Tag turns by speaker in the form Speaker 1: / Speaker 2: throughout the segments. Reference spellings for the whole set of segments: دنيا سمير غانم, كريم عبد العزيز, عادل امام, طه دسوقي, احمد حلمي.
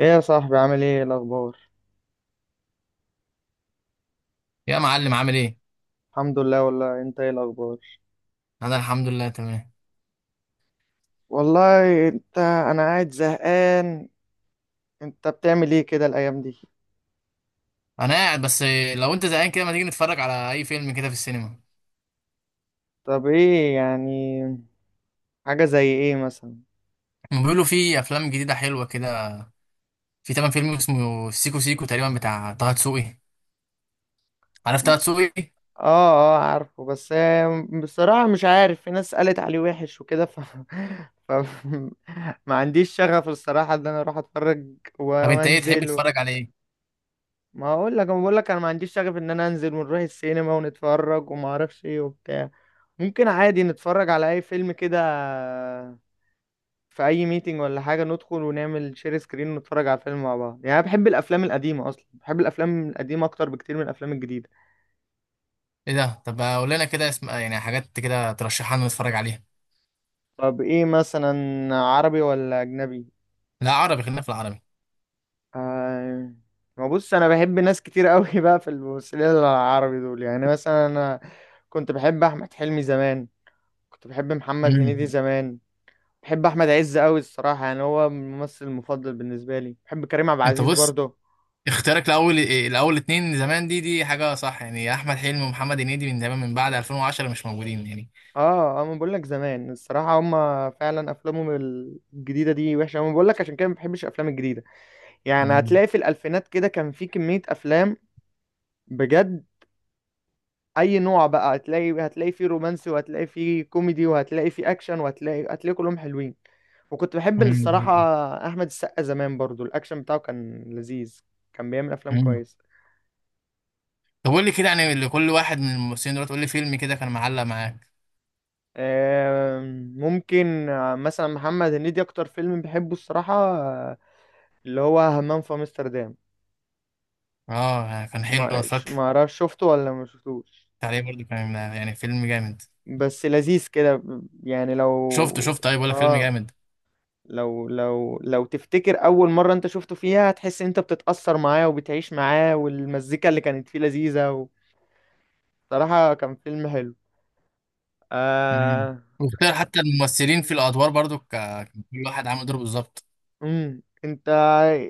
Speaker 1: ايه يا صاحبي، عامل ايه؟ إيه الاخبار؟
Speaker 2: يا معلم عامل ايه؟
Speaker 1: الحمد لله، والله انت، ايه الاخبار؟
Speaker 2: انا الحمد لله تمام.
Speaker 1: والله انا قاعد زهقان. انت بتعمل ايه كده الايام دي؟
Speaker 2: انا قاعد بس. لو انت زهقان كده ما تيجي نتفرج على اي فيلم كده في السينما؟
Speaker 1: طب ايه يعني؟ حاجة زي ايه مثلا؟
Speaker 2: هم بيقولوا في افلام جديده حلوه كده. في تمام فيلم اسمه سيكو سيكو تقريبا بتاع طه دسوقي. عارف
Speaker 1: م-
Speaker 2: طه دسوقي؟
Speaker 1: اه، اه عارفه بس بصراحة مش عارف، في ناس قالت عليه وحش وكده ف... ما عنديش شغف الصراحة ان انا اروح اتفرج
Speaker 2: طب انت ايه تحب
Speaker 1: وانزل.
Speaker 2: تتفرج على ايه؟
Speaker 1: ما اقول لك، انا بقول لك انا ما عنديش شغف ان انا انزل ونروح السينما ونتفرج وما اعرفش ايه وبتاع. ممكن عادي نتفرج على اي فيلم كده في اي ميتنج ولا حاجه، ندخل ونعمل شير سكرين ونتفرج على الفيلم مع بعض. يعني انا بحب الافلام القديمه، اصلا بحب الافلام القديمه اكتر بكتير من الافلام الجديده.
Speaker 2: ايه ده؟ طب قول لنا كده اسم، يعني حاجات كده ترشحها لنا نتفرج عليها.
Speaker 1: طب ايه مثلا؟ عربي ولا اجنبي؟
Speaker 2: لا عربي، خلينا في العربي.
Speaker 1: آه... ما بص، انا بحب ناس كتير قوي بقى في الممثلين العربي دول. يعني مثلا انا كنت بحب احمد حلمي زمان، كنت بحب محمد هنيدي
Speaker 2: امم
Speaker 1: زمان، بحب احمد عز قوي الصراحه، يعني هو الممثل المفضل بالنسبه لي، بحب كريم عبد
Speaker 2: انت
Speaker 1: العزيز
Speaker 2: بص،
Speaker 1: برضه.
Speaker 2: اختيارك لاول، الاول اتنين زمان دي حاجه صح، يعني احمد حلمي ومحمد هنيدي من زمان، من بعد 2010 مش موجودين يعني.
Speaker 1: اه اه، ما بقول لك زمان الصراحه هما فعلا افلامهم الجديده دي وحشه، انا بقول لك عشان كده ما بحبش الافلام الجديده. يعني هتلاقي في الالفينات كده كان في كميه افلام، بجد. اي نوع بقى هتلاقي، فيه رومانسي، وهتلاقي فيه كوميدي، وهتلاقي فيه اكشن، هتلاقي كلهم حلوين. وكنت بحب الصراحه احمد السقا زمان برضه، الاكشن بتاعه كان لذيذ، كان بيعمل افلام
Speaker 2: امم
Speaker 1: كويسه.
Speaker 2: طب قول لي كده، يعني لكل واحد من الممثلين دول قول لي فيلم كده كان معلق معاك.
Speaker 1: ممكن، مثلا محمد هنيدي اكتر فيلم بحبه الصراحة، اللي هو همام في امستردام.
Speaker 2: اه يعني كان حلو، انا اتفرجت
Speaker 1: ما اعرفش شفته ولا ما شفتوش،
Speaker 2: عليه برضه، كان يعني فيلم جامد.
Speaker 1: بس لذيذ كده يعني
Speaker 2: شفته؟
Speaker 1: لو،
Speaker 2: شفت طيب ولا فيلم
Speaker 1: اه،
Speaker 2: جامد؟
Speaker 1: لو تفتكر اول مرة انت شفته فيها، هتحس ان انت بتتأثر معاه وبتعيش معاه، والمزيكا اللي كانت فيه لذيذة صراحة كان فيلم حلو.
Speaker 2: امم
Speaker 1: آه.
Speaker 2: واختار حتى الممثلين في الادوار برضه كل واحد عامل دوره بالظبط.
Speaker 1: انت،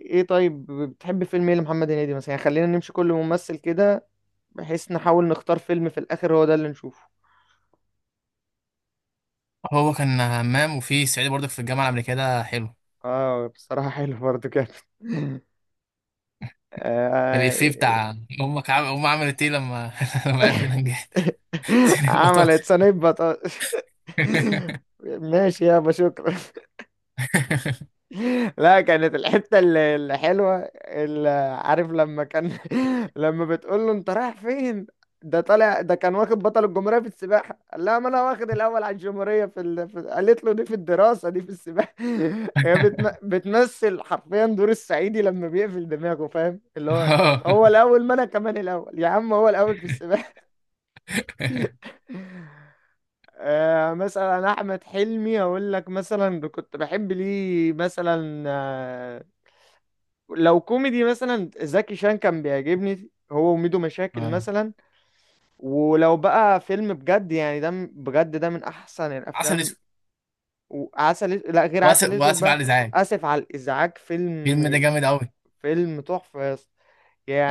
Speaker 1: ايه طيب؟ بتحب فيلم ايه لمحمد هنيدي مثلا؟ يعني خلينا نمشي كل ممثل كده، بحيث نحاول نختار فيلم في الآخر هو ده اللي نشوفه.
Speaker 2: هو كان همام، وفي صعيدي برضه في الجامعه الامريكيه ده حلو.
Speaker 1: اه، بصراحة حلو برضو كده آه،
Speaker 2: الافيه بتاع امك، امك عملت ايه لما لما عرفت ان انا نجحت؟ سنين بطاطس.
Speaker 1: عملت صينية بطاطس. ماشي يابا، شكرا. لا، كانت الحتة الحلوة اللي، عارف، لما كان لما بتقول له انت رايح فين، ده طالع، ده كان واخد بطل الجمهورية في السباحة، قال لها ما انا واخد الاول على الجمهورية قالت له دي في الدراسة، دي في السباحة. هي بتمثل حرفيا دور الصعيدي لما بيقفل دماغه، فاهم اللي هو، هو الاول، ما انا كمان الاول يا عم، هو الاول في السباحة. آه، مثلا احمد حلمي، اقول لك مثلا كنت بحب ليه مثلا. لو كوميدي، مثلا زكي شان كان بيعجبني، هو وميدو مشاكل
Speaker 2: آه.
Speaker 1: مثلا. ولو بقى فيلم بجد، يعني ده بجد ده من احسن
Speaker 2: عسل
Speaker 1: الافلام.
Speaker 2: اسود،
Speaker 1: لا غير
Speaker 2: واسف
Speaker 1: عسل اسود
Speaker 2: واسف على
Speaker 1: بقى،
Speaker 2: الازعاج.
Speaker 1: اسف على الازعاج،
Speaker 2: الفيلم ده
Speaker 1: فيلم،
Speaker 2: جامد قوي.
Speaker 1: فيلم تحفه يا اسطى.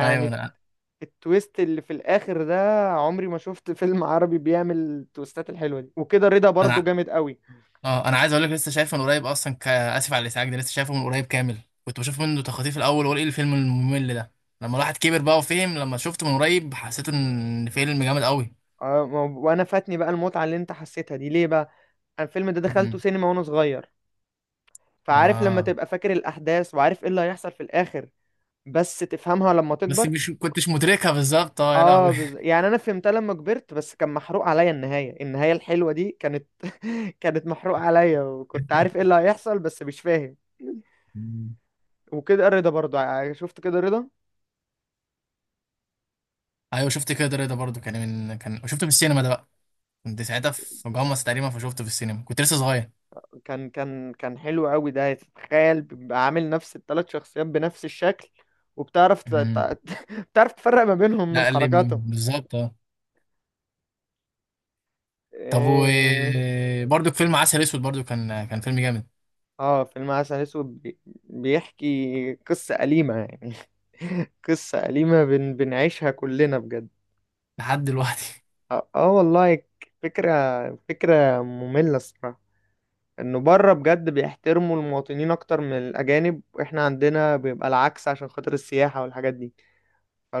Speaker 2: ايوه انا
Speaker 1: التويست اللي في الاخر ده، عمري ما شفت فيلم عربي بيعمل التويستات الحلوه دي، وكده رضا برضو
Speaker 2: انا
Speaker 1: جامد قوي.
Speaker 2: اه، انا عايز اقول لك لسه شايفه من قريب اصلا، اسف على الازعاج ده لسه شايفه من قريب كامل. كنت بشوف منه تخاطيف الاول واقول ايه الفيلم الممل ده؟ لما الواحد كبر بقى وفهم، لما شفته من قريب حسيت ان فيلم جامد قوي.
Speaker 1: وانا فاتني بقى المتعه اللي انت حسيتها دي، ليه بقى؟ أنا الفيلم ده دخلته
Speaker 2: م-م.
Speaker 1: سينما وانا صغير، فعارف لما
Speaker 2: اه
Speaker 1: تبقى فاكر الأحداث وعارف ايه اللي هيحصل في الآخر بس تفهمها لما
Speaker 2: بس
Speaker 1: تكبر.
Speaker 2: مش كنتش مدركها بالظبط، اه يا
Speaker 1: اه،
Speaker 2: لهوي.
Speaker 1: يعني انا فهمتها لما كبرت، بس كان محروق عليا النهاية الحلوة دي كانت كانت محروق عليا، وكنت عارف ايه اللي هيحصل بس مش فاهم.
Speaker 2: م.
Speaker 1: وكده الرضا برضو، شفت كده الرضا.
Speaker 2: ايوه شفت كده، رضا برضو كان، من كان شفته في السينما ده بقى؟ كنت ساعتها في جامعة تقريبا، فشفته في السينما كنت لسه صغير.
Speaker 1: كان حلو قوي ده، تخيل بيبقى عامل نفس الثلاث شخصيات بنفس الشكل، وبتعرف ت...
Speaker 2: م.
Speaker 1: ت... بتعرف تفرق ما بينهم
Speaker 2: لا
Speaker 1: من
Speaker 2: قال لي
Speaker 1: حركاتهم.
Speaker 2: بالظبط اه. طب،
Speaker 1: إيه...
Speaker 2: وبرضو فيلم عسل اسود برضو كان فيلم جامد
Speaker 1: اه، فيلم عسل اسود بيحكي قصة أليمة، يعني قصة أليمة بنعيشها كلنا بجد.
Speaker 2: لحد دلوقتي.
Speaker 1: اه، والله فكرة مملة الصراحة، انه بره بجد بيحترموا المواطنين اكتر من الاجانب، واحنا عندنا بيبقى العكس عشان خاطر السياحة والحاجات دي.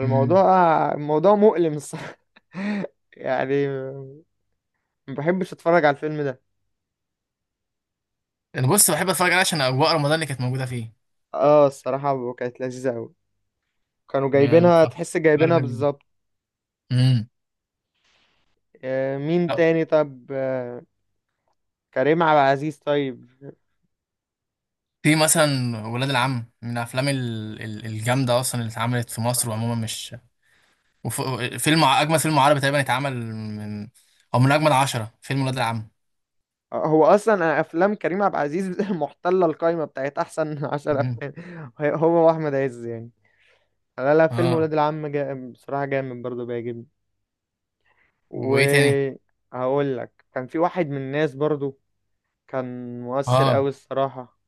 Speaker 2: امم
Speaker 1: الموضوع مؤلم الصراحة. يعني ما بحبش اتفرج على الفيلم ده.
Speaker 2: انا بص بحب اتفرج عليه عشان اجواء رمضان اللي كانت موجوده فيه.
Speaker 1: اه الصراحة كانت لذيذة اوي، كانوا جايبينها، تحس جايبينها
Speaker 2: بتفكرني بال
Speaker 1: بالظبط.
Speaker 2: امم
Speaker 1: مين
Speaker 2: لا.
Speaker 1: تاني؟ طب كريم عبد العزيز طيب.
Speaker 2: في مثلا ولاد العم من الافلام الجامده اصلا اللي اتعملت في مصر، وعموما مش وف... فيلم، اجمل فيلم عربي تقريبا اتعمل، من او من اجمل عشرة فيلم ولاد العم.
Speaker 1: هو اصلا افلام كريم عبد العزيز محتله القايمه بتاعت احسن عشر
Speaker 2: مم.
Speaker 1: افلام، هو واحمد عز يعني. لا لا، فيلم
Speaker 2: اه.
Speaker 1: ولاد العم بصراحه جامد برضه بيعجبني،
Speaker 2: وايه تاني؟
Speaker 1: وهقول لك، كان في واحد من الناس برضه كان مؤثر قوي
Speaker 2: اه،
Speaker 1: الصراحه.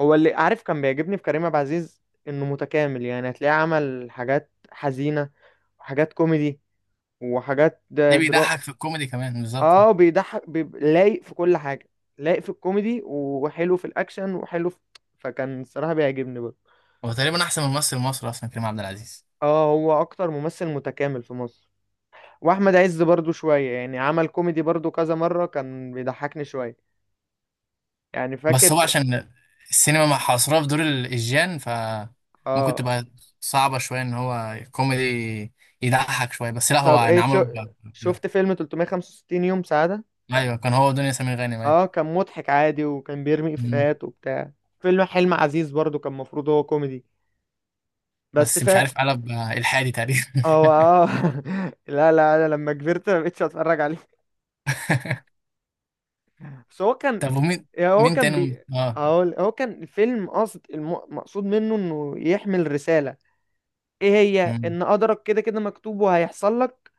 Speaker 1: هو، اللي عارف كان بيعجبني في كريم عبد العزيز، انه متكامل. يعني هتلاقيه عمل حاجات حزينه، وحاجات كوميدي، وحاجات
Speaker 2: ليه
Speaker 1: درام.
Speaker 2: بيضحك في الكوميدي كمان بالظبط.
Speaker 1: اه، بيضحك لايق في كل حاجة، لايق في الكوميدي، وحلو في الأكشن، وحلو فكان الصراحة بيعجبني برضه.
Speaker 2: هو تقريبا احسن من ممثل مصر اصلا، كريم عبد العزيز.
Speaker 1: اه، هو أكتر ممثل متكامل في مصر. وأحمد عز برضه شوية يعني، عمل كوميدي برضه كذا مرة، كان بيضحكني شوية. يعني
Speaker 2: بس
Speaker 1: فاكر
Speaker 2: هو عشان السينما مع حصرها في دور الإيجيان فممكن
Speaker 1: اه،
Speaker 2: تبقى صعبة شوية، إن هو كوميدي يضحك شوية. بس لا هو
Speaker 1: طب
Speaker 2: يعني
Speaker 1: ايه
Speaker 2: عمله ب-
Speaker 1: شفت فيلم 365 يوم سعادة؟
Speaker 2: أيوه، كان هو دنيا سمير غانم أيوه.
Speaker 1: اه كان مضحك عادي، وكان بيرمي
Speaker 2: مم.
Speaker 1: إفيهات وبتاع. فيلم حلم عزيز برضه كان المفروض هو كوميدي، بس
Speaker 2: بس مش عارف قلب إلحادي تقريبا.
Speaker 1: هو، لا لا، انا لما كبرت ما بقتش اتفرج عليه. بس هو كان،
Speaker 2: طب ومين؟
Speaker 1: هو
Speaker 2: مين
Speaker 1: كان
Speaker 2: تاني؟ اه.
Speaker 1: هقول، هو كان الفيلم قصد مقصود منه انه يحمل رسالة. ايه هي؟
Speaker 2: مم.
Speaker 1: ان قدرك كده كده مكتوب وهيحصل لك.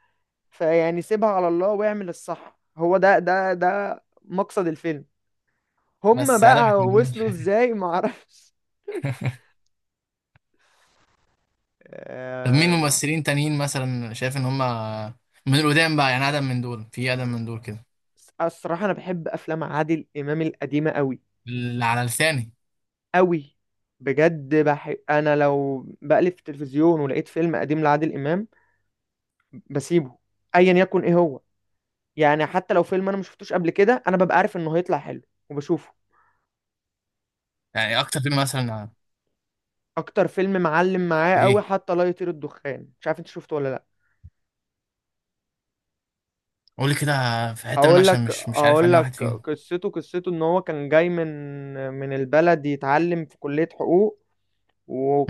Speaker 1: فيعني سيبها على الله واعمل الصح، هو ده مقصد الفيلم. هما
Speaker 2: بس قلبت
Speaker 1: بقى
Speaker 2: منهم.
Speaker 1: وصلوا ازاي معرفش.
Speaker 2: طب مين
Speaker 1: آم،
Speaker 2: ممثلين تانيين مثلا شايف إن هما من القدام بقى، يعني أقدم من دول، في أقدم من دول كده
Speaker 1: الصراحة انا بحب افلام عادل امام القديمة قوي
Speaker 2: اللي على لساني؟
Speaker 1: قوي، بجد. انا لو بقلب في التلفزيون ولقيت فيلم قديم لعادل امام بسيبه، ايا يكن ايه هو، يعني حتى لو فيلم انا ما شفتوش قبل كده انا ببقى عارف انه هيطلع حلو وبشوفه.
Speaker 2: يعني أكتر فيلم مثلا،
Speaker 1: اكتر فيلم معلم معايا قوي
Speaker 2: ليه؟
Speaker 1: حتى لا يطير الدخان، مش عارف انت شفته ولا لا.
Speaker 2: قولي كده في حتة منه
Speaker 1: هقول
Speaker 2: عشان
Speaker 1: لك
Speaker 2: مش، مش عارف
Speaker 1: هقول
Speaker 2: أنهي واحد
Speaker 1: لك
Speaker 2: فيهم.
Speaker 1: قصته، ان هو كان جاي من البلد يتعلم في كلية حقوق،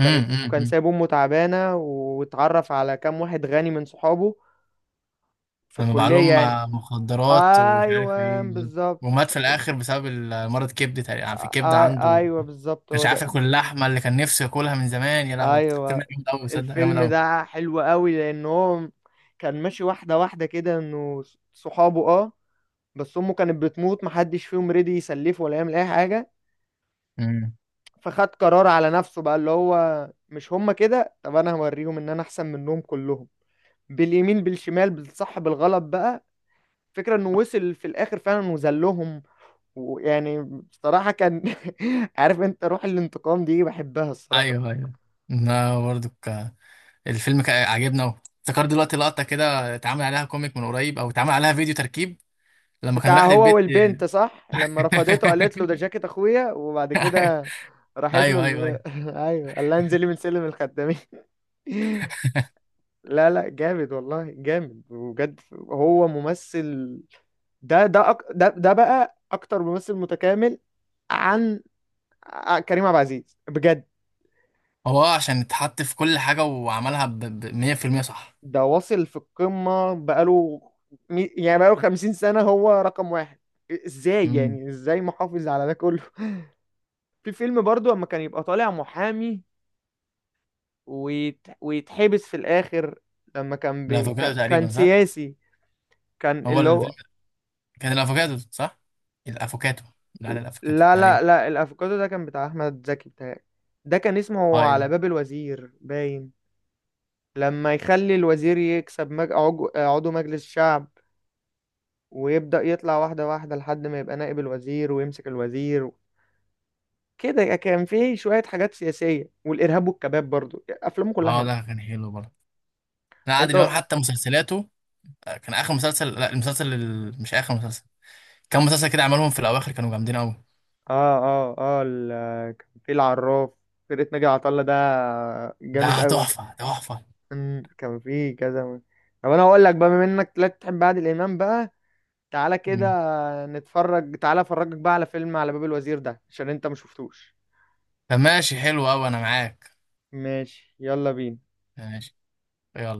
Speaker 2: امم.
Speaker 1: وكان
Speaker 2: امم.
Speaker 1: سايب امه تعبانة، واتعرف على كام واحد غني من صحابه في
Speaker 2: لما باع
Speaker 1: الكلية
Speaker 2: لهم
Speaker 1: يعني.
Speaker 2: مخدرات ومش عارف
Speaker 1: ايوه
Speaker 2: ايه بالظبط.
Speaker 1: بالظبط.
Speaker 2: ومات في الآخر بسبب مرض كبد تقريبا، يعني في
Speaker 1: آ-
Speaker 2: كبد
Speaker 1: آ-
Speaker 2: عنده
Speaker 1: ايوه بالظبط، هو
Speaker 2: مش عارف
Speaker 1: ده.
Speaker 2: ياكل اللحمة اللي كان نفسه ياكلها من زمان. يا لهوي فيلم
Speaker 1: ايوه
Speaker 2: جامد أوي، صدق جامد
Speaker 1: الفيلم
Speaker 2: أوي.
Speaker 1: ده حلو قوي، لان هو كان ماشي واحده واحده كده، انه صحابه، بس امه كانت بتموت محدش فيهم رضي يسلفه ولا يعمل اي حاجه،
Speaker 2: امم
Speaker 1: فخد قرار على نفسه بقى، اللي هو مش هما كده، طب انا هوريهم ان انا احسن منهم كلهم، باليمين بالشمال بالصح بالغلط بقى. فكرة انه وصل في الاخر فعلا وذلهم. ويعني، بصراحة كان عارف، انت روح الانتقام دي بحبها الصراحة.
Speaker 2: أيوه أيوه. لا برضو الفيلم عجبنا أوي. افتكرت دلوقتي لقطة كده اتعمل عليها كوميك من قريب، أو اتعمل عليها فيديو تركيب، لما كان
Speaker 1: بتاع
Speaker 2: راح
Speaker 1: هو
Speaker 2: للبيت.
Speaker 1: والبنت، صح، لما رفضته قالت له ده جاكيت اخويا، وبعد كده راحت له
Speaker 2: أيوه أيوه أيوه.
Speaker 1: ايوه، قال لها انزلي من سلم الخدامين. لا لا، جامد والله، جامد، وبجد هو ممثل، ده ده أك... ده ده بقى اكتر ممثل متكامل عن كريم عبد العزيز بجد.
Speaker 2: هو عشان اتحط في كل حاجة وعملها ب 100% صح.
Speaker 1: ده واصل في القمة بقاله، يعني بقاله 50 سنة هو رقم واحد. ازاي
Speaker 2: امم
Speaker 1: يعني؟ ازاي محافظ على ده كله؟ في فيلم برضو اما كان يبقى طالع محامي ويتحبس في الآخر، لما كان
Speaker 2: الافوكادو تقريبا
Speaker 1: كان
Speaker 2: صح.
Speaker 1: سياسي، كان
Speaker 2: هو
Speaker 1: اللي هو.
Speaker 2: الفيلم كان الافوكادو صح؟ الافوكادو، لا لا، الافوكادو
Speaker 1: لا
Speaker 2: تقريبا.
Speaker 1: لا لا، الافوكادو ده كان بتاع احمد زكي بتاعي، ده كان
Speaker 2: اه
Speaker 1: اسمه على
Speaker 2: ايوه
Speaker 1: باب الوزير باين. لما يخلي الوزير يكسب عضو مجلس الشعب، ويبدأ يطلع واحدة واحدة لحد ما يبقى نائب الوزير ويمسك الوزير. كده كان فيه شوية حاجات سياسية، والإرهاب والكباب برضو، أفلامه كلها
Speaker 2: اه، ده
Speaker 1: حلوة.
Speaker 2: كان حلو برضه. لا
Speaker 1: أنت،
Speaker 2: عادل امام حتى مسلسلاته كان اخر مسلسل، لا مش اخر مسلسل، كان مسلسل كده عملهم في الاواخر كانوا جامدين قوي.
Speaker 1: اه اه اه، كان في العراف، فرقة ناجي عطا الله ده، جامد
Speaker 2: ده
Speaker 1: قوي.
Speaker 2: تحفة تحفة.
Speaker 1: كان في كذا طب انا هقول لك بقى، بما انك لا تحب عادل امام بقى، تعالى كده
Speaker 2: مم.
Speaker 1: نتفرج، تعالى افرجك بقى على فيلم على باب الوزير ده، عشان انت مشفتوش.
Speaker 2: طب ماشي، حلو قوي انا معاك.
Speaker 1: ماشي، يلا بينا.
Speaker 2: ماشي يلا.